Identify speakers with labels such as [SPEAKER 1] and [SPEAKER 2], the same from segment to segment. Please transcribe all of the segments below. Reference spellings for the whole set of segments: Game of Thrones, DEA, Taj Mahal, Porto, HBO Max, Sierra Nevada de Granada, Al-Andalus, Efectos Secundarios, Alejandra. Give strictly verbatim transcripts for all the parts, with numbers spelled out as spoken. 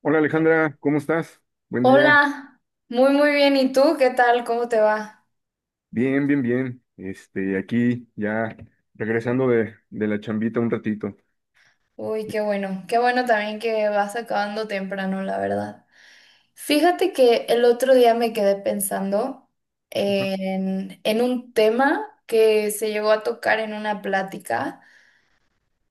[SPEAKER 1] Hola, Alejandra, ¿cómo estás? Buen día.
[SPEAKER 2] Hola, muy muy bien. ¿Y tú qué tal? ¿Cómo te va?
[SPEAKER 1] Bien, bien, bien. Este, aquí ya regresando de, de la chambita un ratito.
[SPEAKER 2] Uy, qué bueno. Qué bueno también que vas acabando temprano, la verdad. Fíjate que el otro día me quedé pensando
[SPEAKER 1] Ajá.
[SPEAKER 2] en, en un tema que se llegó a tocar en una plática,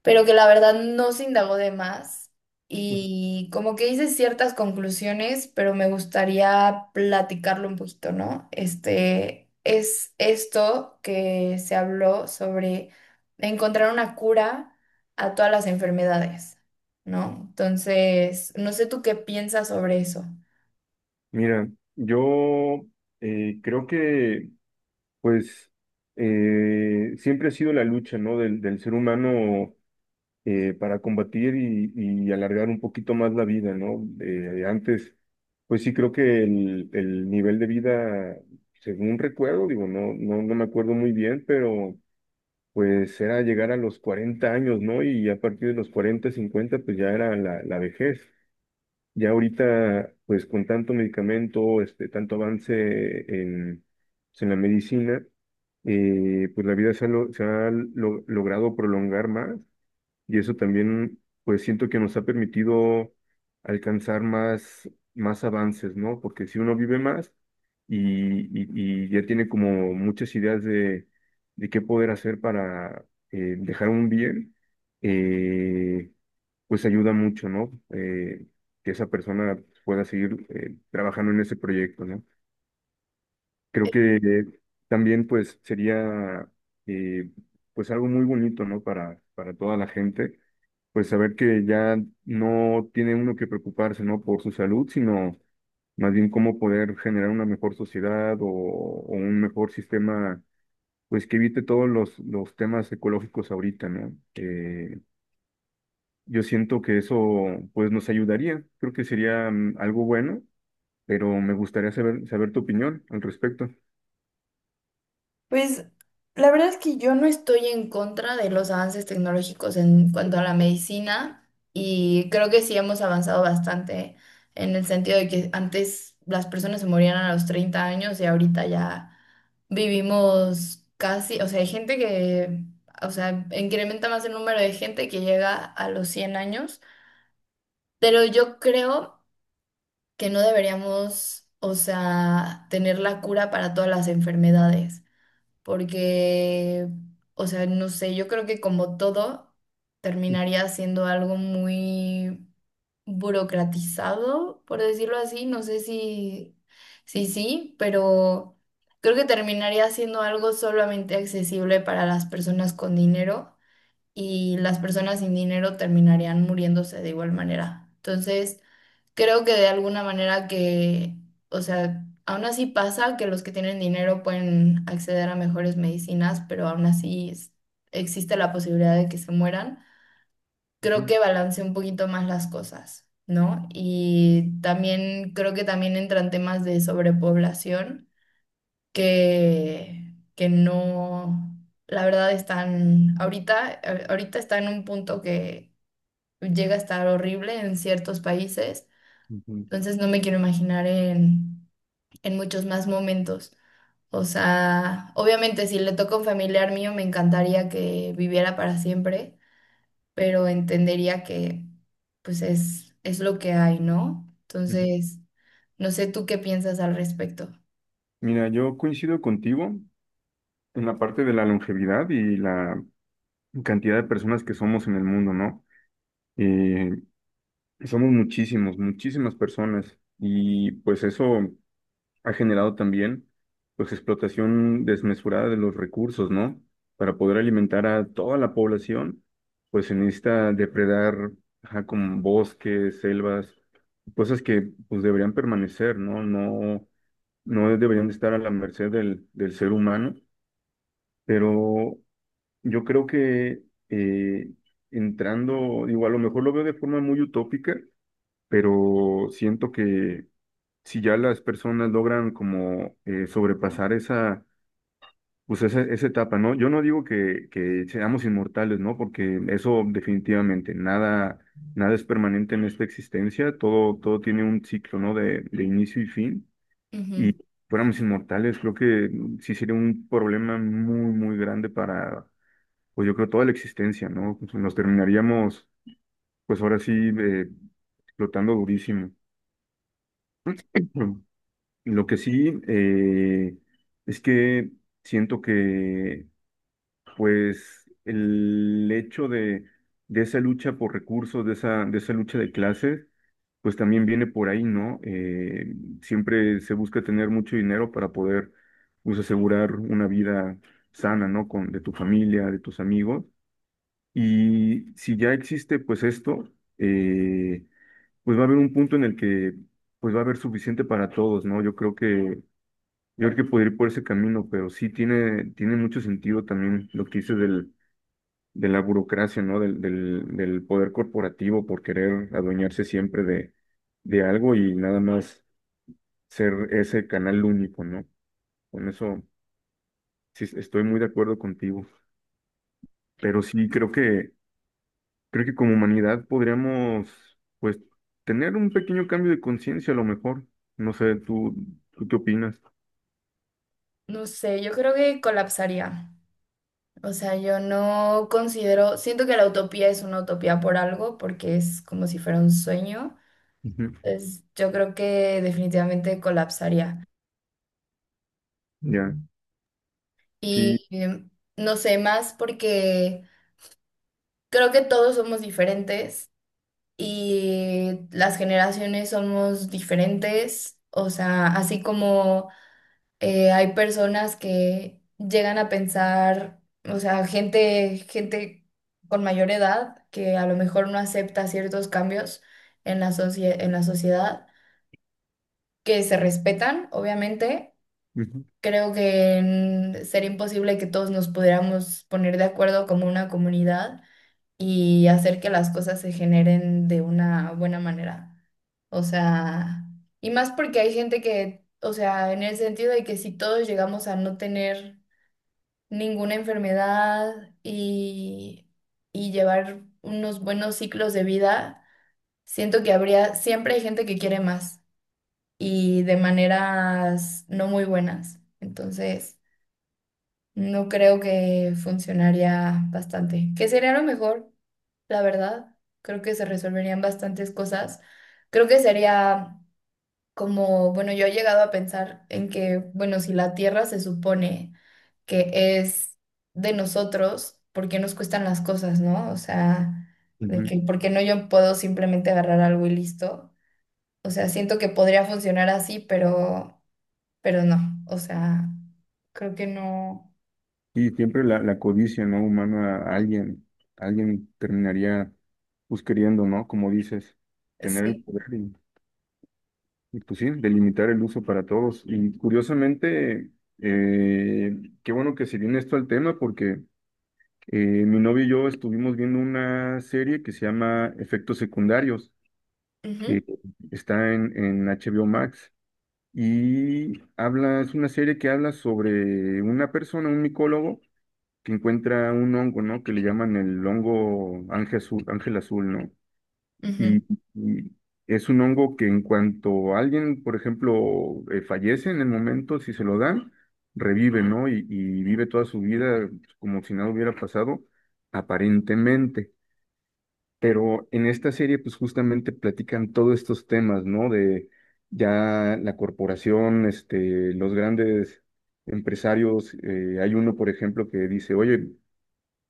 [SPEAKER 2] pero que la verdad no se indagó de más y como que hice ciertas conclusiones, pero me gustaría platicarlo un poquito, ¿no? Este es esto que se habló sobre encontrar una cura a todas las enfermedades, ¿no? Entonces, no sé tú qué piensas sobre eso.
[SPEAKER 1] Mira, yo eh, creo que pues eh, siempre ha sido la lucha, ¿no? del, del ser humano, eh, para combatir y, y alargar un poquito más la vida, ¿no? Eh, antes, pues sí creo que el, el nivel de vida, según recuerdo, digo, no, no, no me acuerdo muy bien, pero pues era llegar a los cuarenta años, ¿no? Y a partir de los cuarenta, cincuenta, pues ya era la, la vejez. Ya ahorita, pues con tanto medicamento, este, tanto avance en, pues, en la medicina, eh, pues la vida se ha, lo- se ha lo- logrado prolongar más y eso también, pues siento que nos ha permitido alcanzar más, más avances, ¿no? Porque si uno vive más y, y- y ya tiene como muchas ideas de, de qué poder hacer para eh, dejar un bien, eh, pues ayuda mucho, ¿no? Eh, que esa persona pueda seguir eh, trabajando en ese proyecto, ¿no? Creo que eh, también pues sería, eh, pues algo muy bonito, ¿no? Para, para toda la gente pues saber que ya no tiene uno que preocuparse, ¿no? Por su salud, sino más bien cómo poder generar una mejor sociedad o, o un mejor sistema, pues que evite todos los, los temas ecológicos ahorita, ¿no? Eh, yo siento que eso, pues nos ayudaría, creo que sería mm, algo bueno, pero me gustaría saber, saber tu opinión al respecto.
[SPEAKER 2] Pues la verdad es que yo no estoy en contra de los avances tecnológicos en cuanto a la medicina y creo que sí hemos avanzado bastante en el sentido de que antes las personas se morían a los treinta años y ahorita ya vivimos casi, o sea, hay gente que, o sea, incrementa más el número de gente que llega a los cien años, pero yo creo que no deberíamos, o sea, tener la cura para todas las enfermedades porque, o sea, no sé, yo creo que como todo terminaría siendo algo muy burocratizado, por decirlo así. No sé si, si sí, pero creo que terminaría siendo algo solamente accesible para las personas con dinero y las personas sin dinero terminarían muriéndose de igual manera. Entonces, creo que de alguna manera que, o sea, aún así pasa que los que tienen dinero pueden acceder a mejores medicinas, pero aún así es- existe la posibilidad de que se mueran. Creo
[SPEAKER 1] Ujú,
[SPEAKER 2] que balancea un poquito más las cosas, ¿no? Y también creo que también entran temas de sobrepoblación que, que no, la verdad están, ahorita, eh, ahorita está en un punto que llega a estar horrible en ciertos países,
[SPEAKER 1] ujú,
[SPEAKER 2] entonces no me quiero imaginar en, en muchos más momentos. O sea, obviamente si le toca a un familiar mío me encantaría que viviera para siempre, pero entendería que pues es, es lo que hay, ¿no?
[SPEAKER 1] ujú.
[SPEAKER 2] Entonces, no sé tú qué piensas al respecto.
[SPEAKER 1] Mira, yo coincido contigo en la parte de la longevidad y la cantidad de personas que somos en el mundo, ¿no? Eh, Somos muchísimos, muchísimas personas y pues eso ha generado también pues explotación desmesurada de los recursos, ¿no? Para poder alimentar a toda la población, pues se necesita depredar, ajá, con bosques, selvas, cosas que pues deberían permanecer, ¿no? No, no deberían de estar a la merced del, del ser humano, pero yo creo que eh, entrando, digo, a lo mejor lo veo de forma muy utópica, pero siento que si ya las personas logran como eh, sobrepasar esa, pues esa, esa etapa, ¿no? Yo no digo que, que seamos inmortales, ¿no? Porque eso definitivamente, nada, nada es permanente en esta existencia, todo, todo tiene un ciclo, ¿no? De, de inicio y fin.
[SPEAKER 2] Ujú.
[SPEAKER 1] Y fuéramos inmortales, creo que sí sería un problema muy, muy grande para, pues yo creo, toda la existencia, ¿no? Pues nos terminaríamos, pues ahora sí, eh, explotando durísimo. Lo que sí, eh, es que siento que, pues, el hecho de, de esa lucha por recursos, de esa, de esa lucha de clases, pues también viene por ahí, ¿no? Eh, siempre se busca tener mucho dinero para poder, pues, asegurar una vida sana, ¿no? Con, de tu familia, de tus amigos. Y si ya existe, pues, esto, eh, pues va a haber un punto en el que, pues, va a haber suficiente para todos, ¿no? Yo creo que yo creo que podría ir por ese camino, pero sí tiene, tiene mucho sentido también lo que dices del, de la burocracia, ¿no? Del, del, del poder corporativo por querer adueñarse siempre de, de algo y nada más ser ese canal único, ¿no? Con eso sí es- estoy muy de acuerdo contigo. Pero sí creo que, creo que como humanidad podríamos, pues, tener un pequeño cambio de conciencia a lo mejor. No sé, ¿tú, tú qué opinas?
[SPEAKER 2] No sé, yo creo que colapsaría. O sea, yo no considero, siento que la utopía es una utopía por algo, porque es como si fuera un sueño.
[SPEAKER 1] Ujú.
[SPEAKER 2] Entonces, yo creo que definitivamente colapsaría.
[SPEAKER 1] Ya, sí.
[SPEAKER 2] Y em, no sé, más porque creo que todos somos diferentes y las generaciones somos diferentes. O sea, así como eh, hay personas que llegan a pensar, o sea, gente, gente con mayor edad que a lo mejor no acepta ciertos cambios en la socie- en la sociedad, que se respetan, obviamente.
[SPEAKER 1] Ujú,
[SPEAKER 2] Creo que mm, sería imposible que todos nos pudiéramos poner de acuerdo como una comunidad y hacer que las cosas se generen de una buena manera. O sea, y más porque hay gente que, o sea, en el sentido de que si todos llegamos a no tener ninguna enfermedad y, y llevar unos buenos ciclos de vida, siento que habría, siempre hay gente que quiere más y de maneras no muy buenas. Entonces... No creo que funcionaría bastante. Que sería lo mejor, la verdad. Creo que se resolverían bastantes cosas. Creo que sería como, bueno, yo he llegado a pensar en que, bueno, si la Tierra se supone que es de nosotros, ¿por qué nos cuestan las cosas, no? O sea, de
[SPEAKER 1] ujú.
[SPEAKER 2] que, ¿por qué no yo puedo simplemente agarrar algo y listo? O sea, siento que podría funcionar así, pero, pero no. O sea, creo que no.
[SPEAKER 1] Y siempre la, la codicia, ¿no? Humana, a alguien, alguien terminaría pues queriendo, ¿no? Como dices, tener el
[SPEAKER 2] Sí.
[SPEAKER 1] poder y, y, pues sí, delimitar el uso para todos. Y curiosamente, eh, qué bueno que se viene esto al tema porque, eh, mi novio y yo estuvimos viendo una serie que se llama Efectos Secundarios,
[SPEAKER 2] Ujú.
[SPEAKER 1] que está en, en H B O Max. Y habla, es una serie que habla sobre una persona, un micólogo, que encuentra un hongo, ¿no? Que le llaman el hongo ángel azul, ángel azul, ¿no?
[SPEAKER 2] Ujú.
[SPEAKER 1] Y, y es un hongo que en cuanto alguien, por ejemplo, eh, fallece en el momento, si se lo dan, revive, ¿no? Y, y vive toda su vida como si nada hubiera pasado, aparentemente. Pero en esta serie, pues justamente platican todos estos temas, ¿no? De ya la corporación, este, los grandes empresarios, eh, hay uno, por ejemplo, que dice, oye,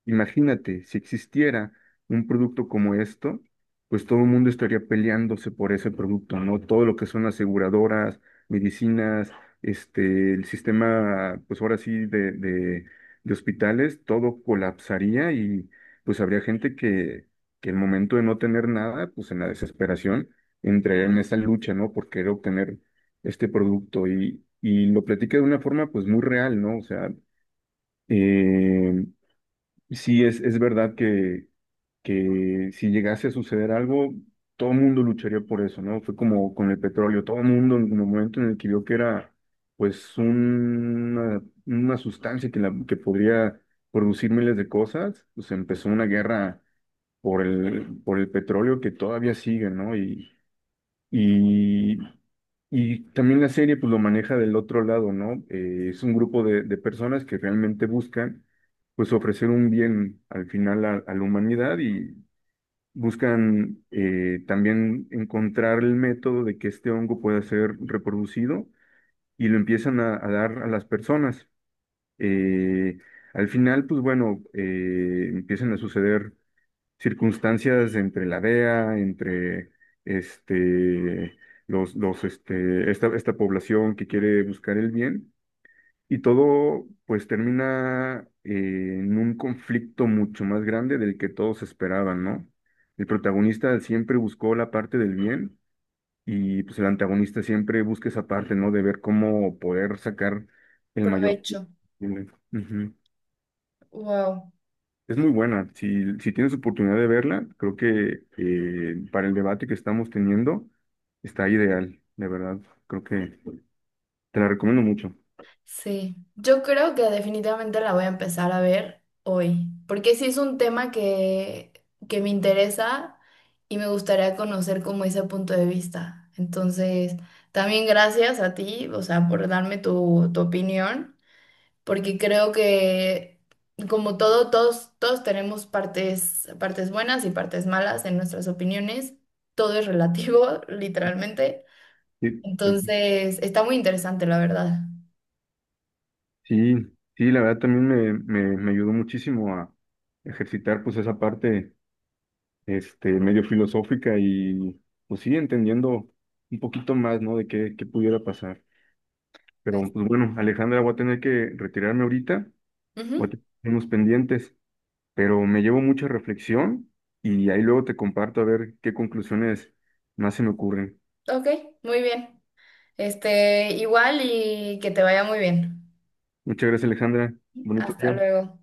[SPEAKER 1] imagínate, si existiera un producto como esto, pues todo el mundo estaría peleándose por ese producto, ¿no? Todo lo que son aseguradoras, medicinas, este, el sistema, pues ahora sí, de, de, de hospitales, todo colapsaría y pues habría gente que, que el momento de no tener nada, pues en la desesperación, entraría en esa lucha, ¿no? Por querer obtener este producto y, y lo platica de una forma, pues muy real, ¿no? O sea, em, sí, es, es verdad que, que si llegase a suceder algo, todo el mundo lucharía por eso, ¿no? Fue como con el petróleo, todo el mundo en el momento en el que vio que era pues una, una sustancia que, la, que podría producir miles de cosas, pues empezó una guerra por el, por el petróleo que todavía sigue, ¿no? Y, y y también la serie pues lo maneja del otro lado, ¿no? Eh, es un grupo de, de personas que realmente buscan pues ofrecer un bien al final a, a la humanidad y buscan, eh, también encontrar el método de que este hongo pueda ser reproducido y lo empiezan a, a dar a las personas. Eh, Al final pues bueno, eh, empiezan a suceder circunstancias entre la D E A, entre este, los, los, este, esta, esta población que quiere buscar el bien, y todo pues termina, eh, en un conflicto mucho más grande del que todos esperaban, ¿no? El protagonista siempre buscó la parte del bien y pues el antagonista siempre busca esa parte, ¿no? De ver cómo poder sacar el mayor...
[SPEAKER 2] Provecho.
[SPEAKER 1] Ujú.
[SPEAKER 2] Wow.
[SPEAKER 1] Es muy buena. Si, si tienes oportunidad de verla, creo que, eh, para el debate que estamos teniendo está ideal, de verdad. Creo que te la recomiendo mucho.
[SPEAKER 2] Sí. Yo creo que definitivamente la voy a empezar a ver hoy, porque sí es un tema que, que me interesa y me gustaría conocer como ese punto de vista. Entonces, también gracias a ti, o sea, por darme tu, tu opinión, porque creo que como todo, todos, todos tenemos partes, partes buenas y partes malas en nuestras opiniones. Todo es relativo, literalmente.
[SPEAKER 1] Sí, eh,
[SPEAKER 2] Entonces, está muy interesante, la verdad.
[SPEAKER 1] sí, sí, la verdad también me, me, me ayudó muchísimo a ejercitar pues esa parte, este, medio filosófica y pues sí, entendiendo un poquito más, ¿no? De qué, qué pudiera pasar. Pero
[SPEAKER 2] Pues,
[SPEAKER 1] pues bueno, Alejandra, voy a tener que retirarme ahorita. Voy a
[SPEAKER 2] ujú,
[SPEAKER 1] tener unos pendientes, pero me llevo mucha reflexión y ahí luego te comparto a ver qué conclusiones más se me ocurren.
[SPEAKER 2] ok, muy bien. Este, igual y que te vaya muy bien.
[SPEAKER 1] Muchas gracias, Alejandra. Bonito
[SPEAKER 2] Hasta
[SPEAKER 1] día.
[SPEAKER 2] luego.